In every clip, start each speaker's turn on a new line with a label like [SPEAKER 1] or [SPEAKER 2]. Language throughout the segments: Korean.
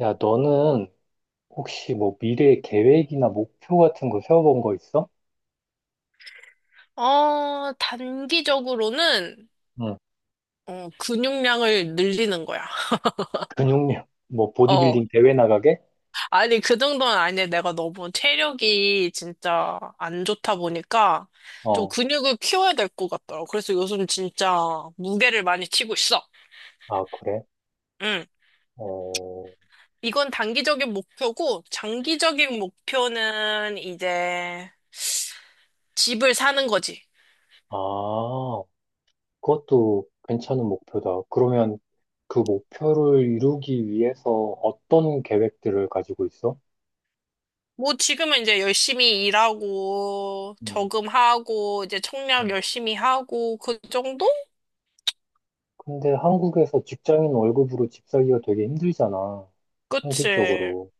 [SPEAKER 1] 야, 너는 혹시 뭐 미래 계획이나 목표 같은 거 세워본 거 있어?
[SPEAKER 2] 단기적으로는,
[SPEAKER 1] 응.
[SPEAKER 2] 근육량을 늘리는 거야.
[SPEAKER 1] 근육량, 뭐
[SPEAKER 2] 어,
[SPEAKER 1] 보디빌딩 대회 나가게?
[SPEAKER 2] 아니, 그 정도는 아니야. 내가 너무 체력이 진짜 안 좋다 보니까 좀
[SPEAKER 1] 어,
[SPEAKER 2] 근육을 키워야 될 것 같더라고. 그래서 요즘 진짜 무게를 많이 치고 있어.
[SPEAKER 1] 아, 그래?
[SPEAKER 2] 응.
[SPEAKER 1] 어,
[SPEAKER 2] 이건 단기적인 목표고, 장기적인 목표는 이제 집을 사는 거지.
[SPEAKER 1] 아, 그것도 괜찮은 목표다. 그러면 그 목표를 이루기 위해서 어떤 계획들을 가지고 있어?
[SPEAKER 2] 뭐 지금은 이제 열심히 일하고,
[SPEAKER 1] 응.
[SPEAKER 2] 저금하고, 이제
[SPEAKER 1] 응.
[SPEAKER 2] 청약 열심히 하고, 그 정도?
[SPEAKER 1] 근데 한국에서 직장인 월급으로 집 살기가 되게 힘들잖아.
[SPEAKER 2] 그치.
[SPEAKER 1] 현실적으로.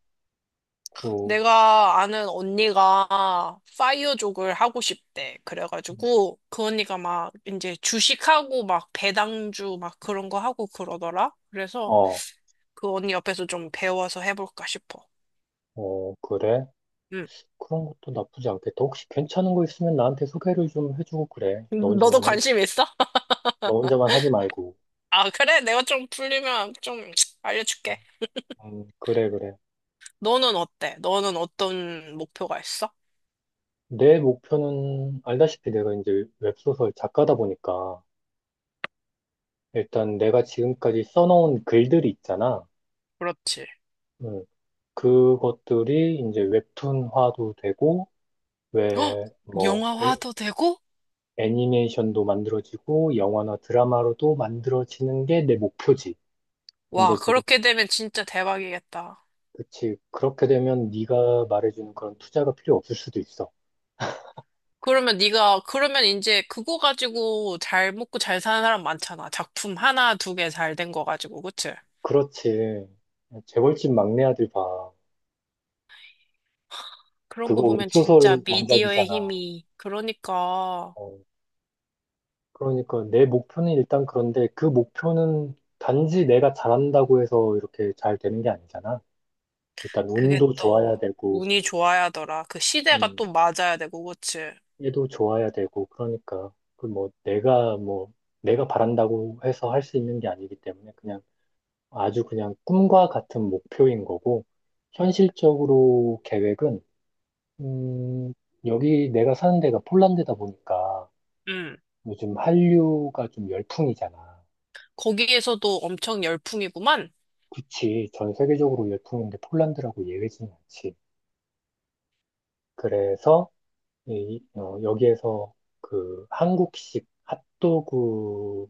[SPEAKER 1] 그,
[SPEAKER 2] 내가 아는 언니가 파이어족을 하고 싶대. 그래가지고 그 언니가 막 이제 주식하고 막 배당주 막 그런 거 하고 그러더라. 그래서
[SPEAKER 1] 어,
[SPEAKER 2] 그 언니 옆에서 좀 배워서 해볼까 싶어.
[SPEAKER 1] 어, 그래?
[SPEAKER 2] 응.
[SPEAKER 1] 그런 것도 나쁘지 않겠다. 혹시 괜찮은 거 있으면 나한테 소개를 좀 해주고 그래. 너
[SPEAKER 2] 너도
[SPEAKER 1] 혼자만 해.
[SPEAKER 2] 관심 있어?
[SPEAKER 1] 너 혼자만 하지 말고.
[SPEAKER 2] 아, 그래? 내가 좀 풀리면 좀 알려줄게.
[SPEAKER 1] 그래, 그래.
[SPEAKER 2] 너는 어때? 너는 어떤 목표가 있어?
[SPEAKER 1] 내 목표는 알다시피 내가 이제 웹소설 작가다 보니까 일단 내가 지금까지 써놓은 글들이 있잖아.
[SPEAKER 2] 그렇지.
[SPEAKER 1] 음, 그것들이 이제 웹툰화도 되고
[SPEAKER 2] 어?
[SPEAKER 1] 왜 뭐 애,
[SPEAKER 2] 영화화도 되고?
[SPEAKER 1] 애니메이션도 만들어지고 영화나 드라마로도 만들어지는 게 내 목표지.
[SPEAKER 2] 와,
[SPEAKER 1] 근데 지
[SPEAKER 2] 그렇게 되면 진짜 대박이겠다.
[SPEAKER 1] 그치. 그렇게 되면 네가 말해주는 그런 투자가 필요 없을 수도 있어.
[SPEAKER 2] 그러면 네가 그러면 이제 그거 가지고 잘 먹고 잘 사는 사람 많잖아. 작품 하나, 두 개 잘 된 거 가지고, 그치?
[SPEAKER 1] 그렇지. 재벌집 막내 아들 봐.
[SPEAKER 2] 그런 거
[SPEAKER 1] 그거
[SPEAKER 2] 보면
[SPEAKER 1] 웹소설
[SPEAKER 2] 진짜 미디어의
[SPEAKER 1] 원작이잖아.
[SPEAKER 2] 힘이. 그러니까
[SPEAKER 1] 어, 그러니까 내 목표는 일단 그런데 그 목표는 단지 내가 잘한다고 해서 이렇게 잘 되는 게 아니잖아. 일단
[SPEAKER 2] 그게
[SPEAKER 1] 운도
[SPEAKER 2] 또
[SPEAKER 1] 좋아야 되고,
[SPEAKER 2] 운이 좋아야더라. 그 시대가
[SPEAKER 1] 음,
[SPEAKER 2] 또 맞아야 되고, 그치?
[SPEAKER 1] 얘도 좋아야 되고, 그러니까 그 뭐 내가 뭐 내가 바란다고 해서 할 수 있는 게 아니기 때문에 그냥 아주 그냥 꿈과 같은 목표인 거고, 현실적으로 계획은, 음, 여기 내가 사는 데가 폴란드다 보니까
[SPEAKER 2] 응.
[SPEAKER 1] 요즘 한류가 좀 열풍이잖아.
[SPEAKER 2] 거기에서도 엄청 열풍이구만.
[SPEAKER 1] 그치. 전 세계적으로 열풍인데 폴란드라고 예외지는 않지. 그래서, 이, 어, 여기에서 그 한국식 핫도그를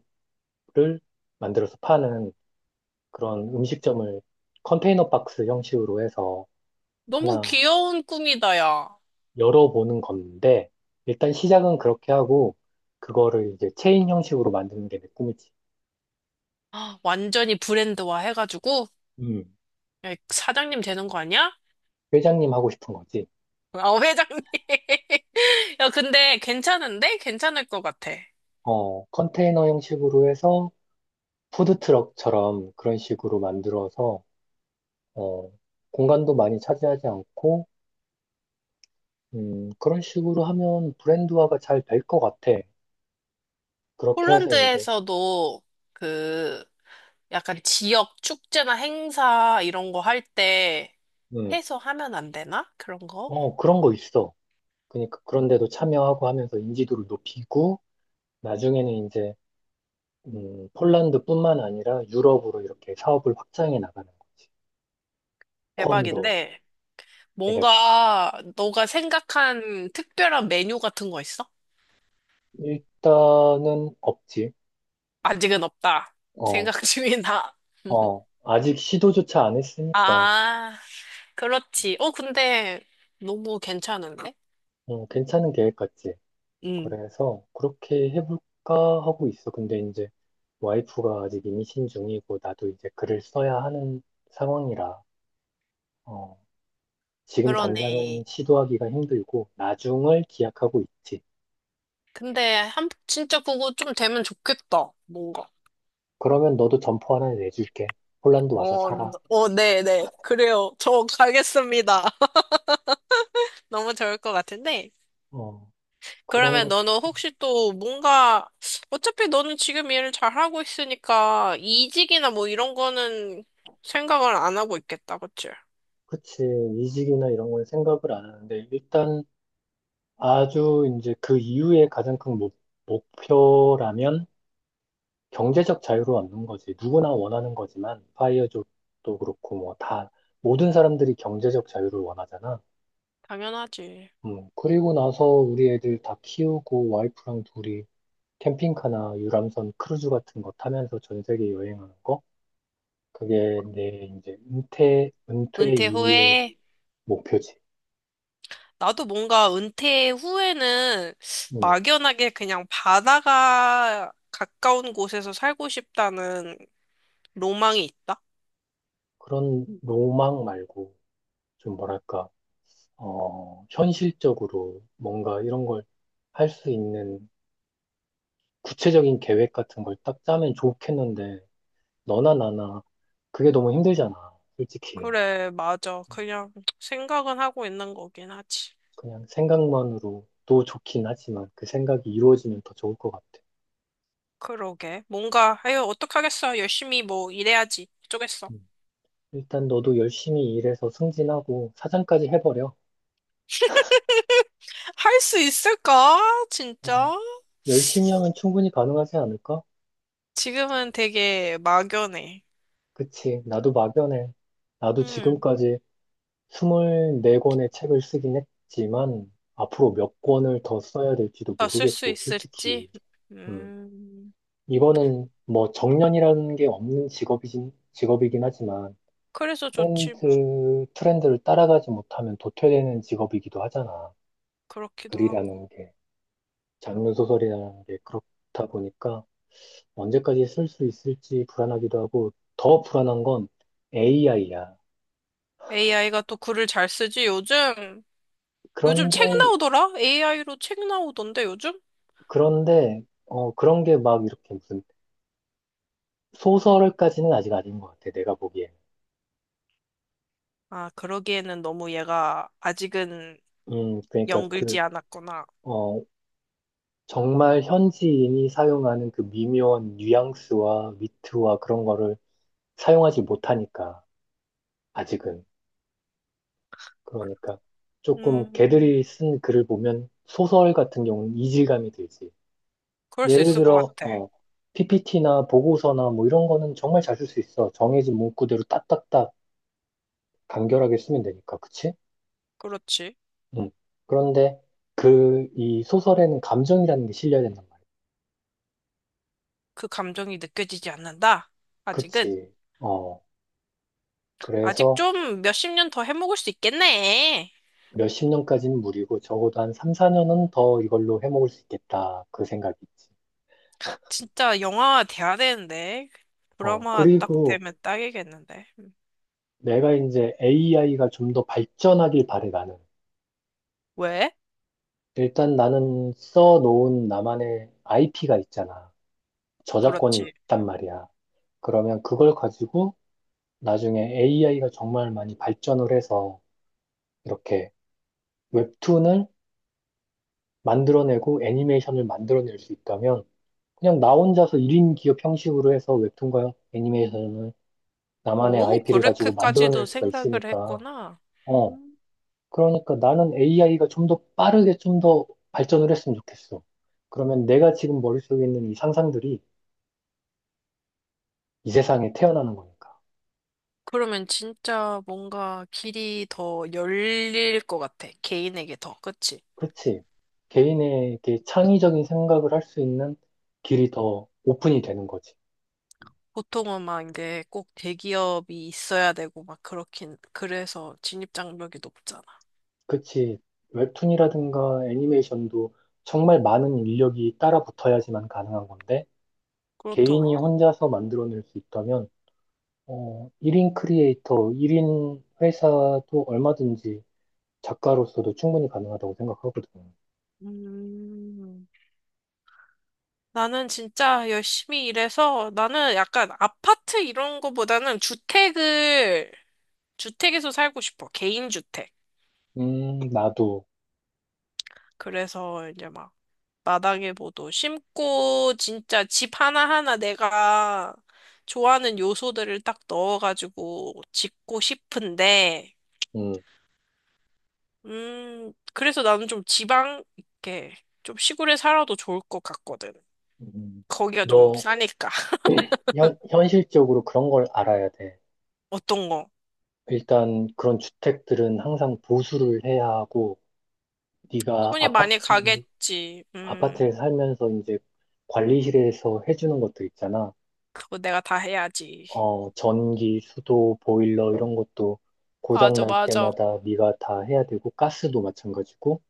[SPEAKER 1] 만들어서 파는 그런 음식점을 컨테이너 박스 형식으로 해서
[SPEAKER 2] 너무
[SPEAKER 1] 하나
[SPEAKER 2] 귀여운 꿈이다, 야.
[SPEAKER 1] 열어보는 건데, 일단 시작은 그렇게 하고, 그거를 이제 체인 형식으로 만드는 게 내 꿈이지.
[SPEAKER 2] 아, 완전히 브랜드화 해가지고
[SPEAKER 1] 음,
[SPEAKER 2] 야, 사장님 되는 거 아니야?
[SPEAKER 1] 회장님 하고 싶은 거지.
[SPEAKER 2] 아, 회장님. 야, 근데 괜찮은데? 괜찮을 것 같아.
[SPEAKER 1] 어, 컨테이너 형식으로 해서 푸드트럭처럼 그런 식으로 만들어서, 어, 공간도 많이 차지하지 않고, 그런 식으로 하면 브랜드화가 잘 될 것 같아. 그렇게 해서 이제,
[SPEAKER 2] 폴란드에서도 그 약간 지역 축제나 행사 이런 거 할 때
[SPEAKER 1] 음,
[SPEAKER 2] 해서 하면 안 되나? 그런 거?
[SPEAKER 1] 어, 그런 거 있어. 그러니까 그런데도 참여하고 하면서 인지도를 높이고, 나중에는 이제 폴란드뿐만 아니라 유럽으로 이렇게 사업을 확장해 나가는 거지. 콘도
[SPEAKER 2] 대박인데
[SPEAKER 1] 해가지고.
[SPEAKER 2] 뭔가 너가 생각한 특별한 메뉴 같은 거 있어?
[SPEAKER 1] 일단은 없지.
[SPEAKER 2] 아직은 없다.
[SPEAKER 1] 어,
[SPEAKER 2] 생각 중이다.
[SPEAKER 1] 어. 아직 시도조차 안 했으니까,
[SPEAKER 2] 아, 그렇지. 근데 너무 괜찮은데?
[SPEAKER 1] 괜찮은 계획 같지.
[SPEAKER 2] 응,
[SPEAKER 1] 그래서 그렇게 해볼까 하고 있어. 근데 이제 와이프가 아직 임신 중이고, 나도 이제 글을 써야 하는 상황이라, 어, 지금 당장은
[SPEAKER 2] 그러네.
[SPEAKER 1] 시도하기가 힘들고, 나중을 기약하고 있지.
[SPEAKER 2] 근데 한 진짜 그거 좀 되면 좋겠다. 뭔가.
[SPEAKER 1] 그러면 너도 점포 하나 내줄게. 폴란드 와서 살아.
[SPEAKER 2] 네, 네. 그래요. 저 가겠습니다. 너무 좋을 것 같은데.
[SPEAKER 1] 어. 그런
[SPEAKER 2] 그러면
[SPEAKER 1] 것,
[SPEAKER 2] 너는 혹시 또 뭔가, 어차피 너는 지금 일을 잘하고 있으니까 이직이나 뭐 이런 거는 생각을 안 하고 있겠다, 그치?
[SPEAKER 1] 그치. 이직이나 이런 건 생각을 안 하는데, 일단 아주 이제 그 이후에 가장 큰 목표라면 경제적 자유로 얻는 거지. 누구나 원하는 거지만, 파이어족도 그렇고, 뭐 다, 모든 사람들이 경제적 자유를 원하잖아.
[SPEAKER 2] 당연하지.
[SPEAKER 1] 그리고 나서 우리 애들 다 키우고, 와이프랑 둘이 캠핑카나 유람선 크루즈 같은 거 타면서 전 세계 여행하는 거? 그게 내 이제 은퇴
[SPEAKER 2] 은퇴
[SPEAKER 1] 이후의
[SPEAKER 2] 후에,
[SPEAKER 1] 목표지.
[SPEAKER 2] 나도 뭔가 은퇴 후에는
[SPEAKER 1] 음.
[SPEAKER 2] 막연하게 그냥 바다가 가까운 곳에서 살고 싶다는 로망이 있다.
[SPEAKER 1] 그런 로망 말고 좀 뭐랄까, 어, 현실적으로 뭔가 이런 걸 할 수 있는 구체적인 계획 같은 걸 딱 짜면 좋겠는데 너나 나나 그게 너무 힘들잖아, 솔직히.
[SPEAKER 2] 그래, 맞아.
[SPEAKER 1] 음,
[SPEAKER 2] 그냥 생각은 하고 있는 거긴 하지.
[SPEAKER 1] 그냥 생각만으로도 좋긴 하지만 그 생각이 이루어지면 더 좋을 것 같아.
[SPEAKER 2] 그러게. 뭔가, 아유, 어떡하겠어. 열심히 뭐 일해야지. 어쩌겠어.
[SPEAKER 1] 음, 일단 너도 열심히 일해서 승진하고 사장까지 해버려.
[SPEAKER 2] 할 수 있을까?
[SPEAKER 1] 어,
[SPEAKER 2] 진짜?
[SPEAKER 1] 열심히 하면 충분히 가능하지 않을까?
[SPEAKER 2] 지금은 되게 막연해.
[SPEAKER 1] 그치. 나도 막연해. 나도
[SPEAKER 2] 응,
[SPEAKER 1] 지금까지 24권의 책을 쓰긴 했지만 앞으로 몇 권을 더 써야 될지도
[SPEAKER 2] 다 쓸 수
[SPEAKER 1] 모르겠고 솔직히
[SPEAKER 2] 있을지?
[SPEAKER 1] 음,
[SPEAKER 2] 음,
[SPEAKER 1] 이거는 뭐 정년이라는 게 없는 직업이긴 하지만
[SPEAKER 2] 그래서 좋지 뭐.
[SPEAKER 1] 트렌드를 따라가지 못하면 도태되는 직업이기도 하잖아.
[SPEAKER 2] 그렇기도 하고.
[SPEAKER 1] 글이라는 게 장르 소설이라는 게 그렇다 보니까 언제까지 쓸 수 있을지 불안하기도 하고 더 불안한 건 AI야.
[SPEAKER 2] AI가 또 글을 잘 쓰지, 요즘? 요즘 책
[SPEAKER 1] 그런데
[SPEAKER 2] 나오더라? AI로 책 나오던데, 요즘?
[SPEAKER 1] 그런데 어, 그런 게 막 이렇게 무슨 소설까지는 아직 아닌 것 같아, 내가 보기에는.
[SPEAKER 2] 아, 그러기에는 너무 얘가 아직은
[SPEAKER 1] 그러니까 그,
[SPEAKER 2] 연글지 않았구나.
[SPEAKER 1] 어, 정말 현지인이 사용하는 그 미묘한 뉘앙스와 위트와 그런 거를 사용하지 못하니까, 아직은. 그러니까 조금
[SPEAKER 2] 음,
[SPEAKER 1] 걔들이 쓴 글을 보면 소설 같은 경우는 이질감이 들지.
[SPEAKER 2] 그럴 수
[SPEAKER 1] 예를
[SPEAKER 2] 있을 것
[SPEAKER 1] 들어,
[SPEAKER 2] 같아.
[SPEAKER 1] 어, PPT나 보고서나 뭐 이런 거는 정말 잘 쓸 수 있어. 정해진 문구대로 딱딱딱 간결하게 쓰면 되니까, 그치?
[SPEAKER 2] 그렇지.
[SPEAKER 1] 음. 그런데 그 이 소설에는 감정이라는 게 실려야 된단 말이야.
[SPEAKER 2] 그 감정이 느껴지지 않는다. 아직은.
[SPEAKER 1] 그치. 어.
[SPEAKER 2] 아직
[SPEAKER 1] 그래서
[SPEAKER 2] 좀 몇십 년 더 해먹을 수 있겠네.
[SPEAKER 1] 몇십 년까지는 무리고 적어도 한 3, 4년은 더 이걸로 해먹을 수 있겠다. 그 생각이지.
[SPEAKER 2] 진짜 영화 돼야 되는데.
[SPEAKER 1] 어.
[SPEAKER 2] 드라마 딱
[SPEAKER 1] 그리고
[SPEAKER 2] 되면 딱이겠는데. 음.
[SPEAKER 1] 내가 이제 AI가 좀 더 발전하길 바래 나는.
[SPEAKER 2] 왜?
[SPEAKER 1] 일단 나는 써놓은 나만의 IP가 있잖아. 저작권이
[SPEAKER 2] 그렇지.
[SPEAKER 1] 있단 말이야. 그러면 그걸 가지고 나중에 AI가 정말 많이 발전을 해서 이렇게 웹툰을 만들어내고 애니메이션을 만들어낼 수 있다면 그냥 나 혼자서 1인 기업 형식으로 해서 웹툰과 애니메이션을 나만의
[SPEAKER 2] 오,
[SPEAKER 1] IP를 가지고 만들어낼
[SPEAKER 2] 그렇게까지도
[SPEAKER 1] 수가
[SPEAKER 2] 생각을
[SPEAKER 1] 있으니까
[SPEAKER 2] 했구나.
[SPEAKER 1] 어
[SPEAKER 2] 음,
[SPEAKER 1] 그러니까 나는 AI가 좀 더 빠르게 좀 더 발전을 했으면 좋겠어. 그러면 내가 지금 머릿속에 있는 이 상상들이 이 세상에 태어나는 거니까.
[SPEAKER 2] 그러면 진짜 뭔가 길이 더 열릴 것 같아. 개인에게 더. 그치?
[SPEAKER 1] 그렇지. 개인에게 창의적인 생각을 할 수 있는 길이 더 오픈이 되는 거지.
[SPEAKER 2] 보통은 막 이제 꼭 대기업이 있어야 되고 막 그렇긴 그래서 진입 장벽이 높잖아.
[SPEAKER 1] 그치. 웹툰이라든가 애니메이션도 정말 많은 인력이 따라붙어야지만 가능한 건데, 개인이
[SPEAKER 2] 그렇더라.
[SPEAKER 1] 혼자서 만들어낼 수 있다면, 어, 1인 크리에이터, 1인 회사도 얼마든지 작가로서도 충분히 가능하다고 생각하거든.
[SPEAKER 2] 음. 나는 진짜 열심히 일해서 나는 약간 아파트 이런 거보다는 주택을 주택에서 살고 싶어. 개인 주택.
[SPEAKER 1] 나도,
[SPEAKER 2] 그래서 이제 막 마당에 뭐도 심고 진짜 집 하나하나 내가 좋아하는 요소들을 딱 넣어가지고 짓고 싶은데
[SPEAKER 1] 음,
[SPEAKER 2] 그래서 나는 좀 지방, 이렇게 좀 시골에 살아도 좋을 것 같거든.
[SPEAKER 1] 음.
[SPEAKER 2] 거기가 좀
[SPEAKER 1] 너
[SPEAKER 2] 싸니까.
[SPEAKER 1] 현실적으로 그런 걸 알아야 돼.
[SPEAKER 2] 어떤 거?
[SPEAKER 1] 일단 그런 주택들은 항상 보수를 해야 하고, 네가
[SPEAKER 2] 손이 많이
[SPEAKER 1] 아파트,
[SPEAKER 2] 가겠지.
[SPEAKER 1] 아파트에 살면서 이제 관리실에서 해주는 것들 있잖아.
[SPEAKER 2] 그거 내가 다 해야지.
[SPEAKER 1] 어, 전기, 수도, 보일러 이런 것도 고장
[SPEAKER 2] 맞아,
[SPEAKER 1] 날
[SPEAKER 2] 맞아.
[SPEAKER 1] 때마다 네가 다 해야 되고 가스도 마찬가지고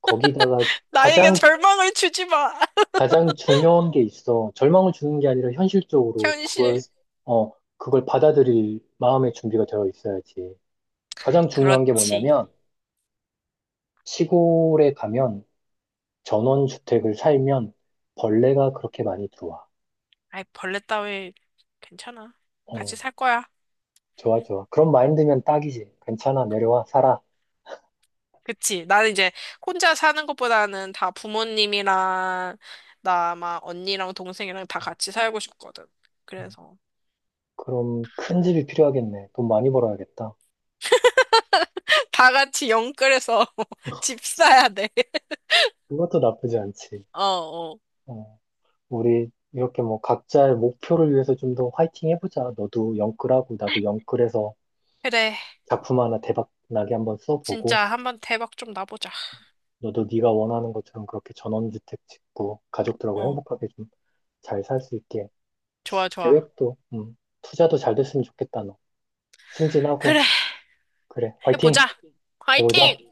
[SPEAKER 1] 거기다가
[SPEAKER 2] 나에게
[SPEAKER 1] 가장
[SPEAKER 2] 절망을 주지 마.
[SPEAKER 1] 가장 중요한 게 있어. 절망을 주는 게 아니라 현실적으로 그걸
[SPEAKER 2] 현실.
[SPEAKER 1] 어, 그걸 받아들일 마음의 준비가 되어 있어야지. 가장 중요한 게
[SPEAKER 2] 그렇지.
[SPEAKER 1] 뭐냐면 시골에 가면 전원주택을 살면 벌레가 그렇게 많이 들어와.
[SPEAKER 2] 아이, 벌레 따위 괜찮아. 같이
[SPEAKER 1] 어,
[SPEAKER 2] 살 거야.
[SPEAKER 1] 좋아, 좋아. 그런 마인드면 딱이지. 괜찮아, 내려와, 살아.
[SPEAKER 2] 그치. 나는 이제 혼자 사는 것보다는 다 부모님이랑 나 아마 언니랑 동생이랑 다
[SPEAKER 1] 어,
[SPEAKER 2] 같이 살고 싶거든.
[SPEAKER 1] 음.
[SPEAKER 2] 그래서.
[SPEAKER 1] 그럼 큰 집이 필요하겠네. 돈 많이 벌어야겠다.
[SPEAKER 2] 다 같이 영끌해서 집 사야 돼.
[SPEAKER 1] 그것도 나쁘지 않지.
[SPEAKER 2] 어, 어.
[SPEAKER 1] 어, 우리 이렇게 뭐 각자의 목표를 위해서 좀 더 화이팅 해보자. 너도 영끌하고 나도 영끌해서
[SPEAKER 2] 그래.
[SPEAKER 1] 작품 하나 대박 나게 한번 써보고
[SPEAKER 2] 진짜 한 번 대박 좀 나보자.
[SPEAKER 1] 너도 네가 원하는 것처럼 그렇게 전원주택 짓고 가족들하고
[SPEAKER 2] 어,
[SPEAKER 1] 행복하게 좀 잘 살 수 있게
[SPEAKER 2] 좋아, 좋아.
[SPEAKER 1] 계획도 투자도 잘 됐으면 좋겠다, 너. 승진하고
[SPEAKER 2] 그래,
[SPEAKER 1] 그래, 화이팅
[SPEAKER 2] 해보자.
[SPEAKER 1] 해보자.
[SPEAKER 2] 화이팅!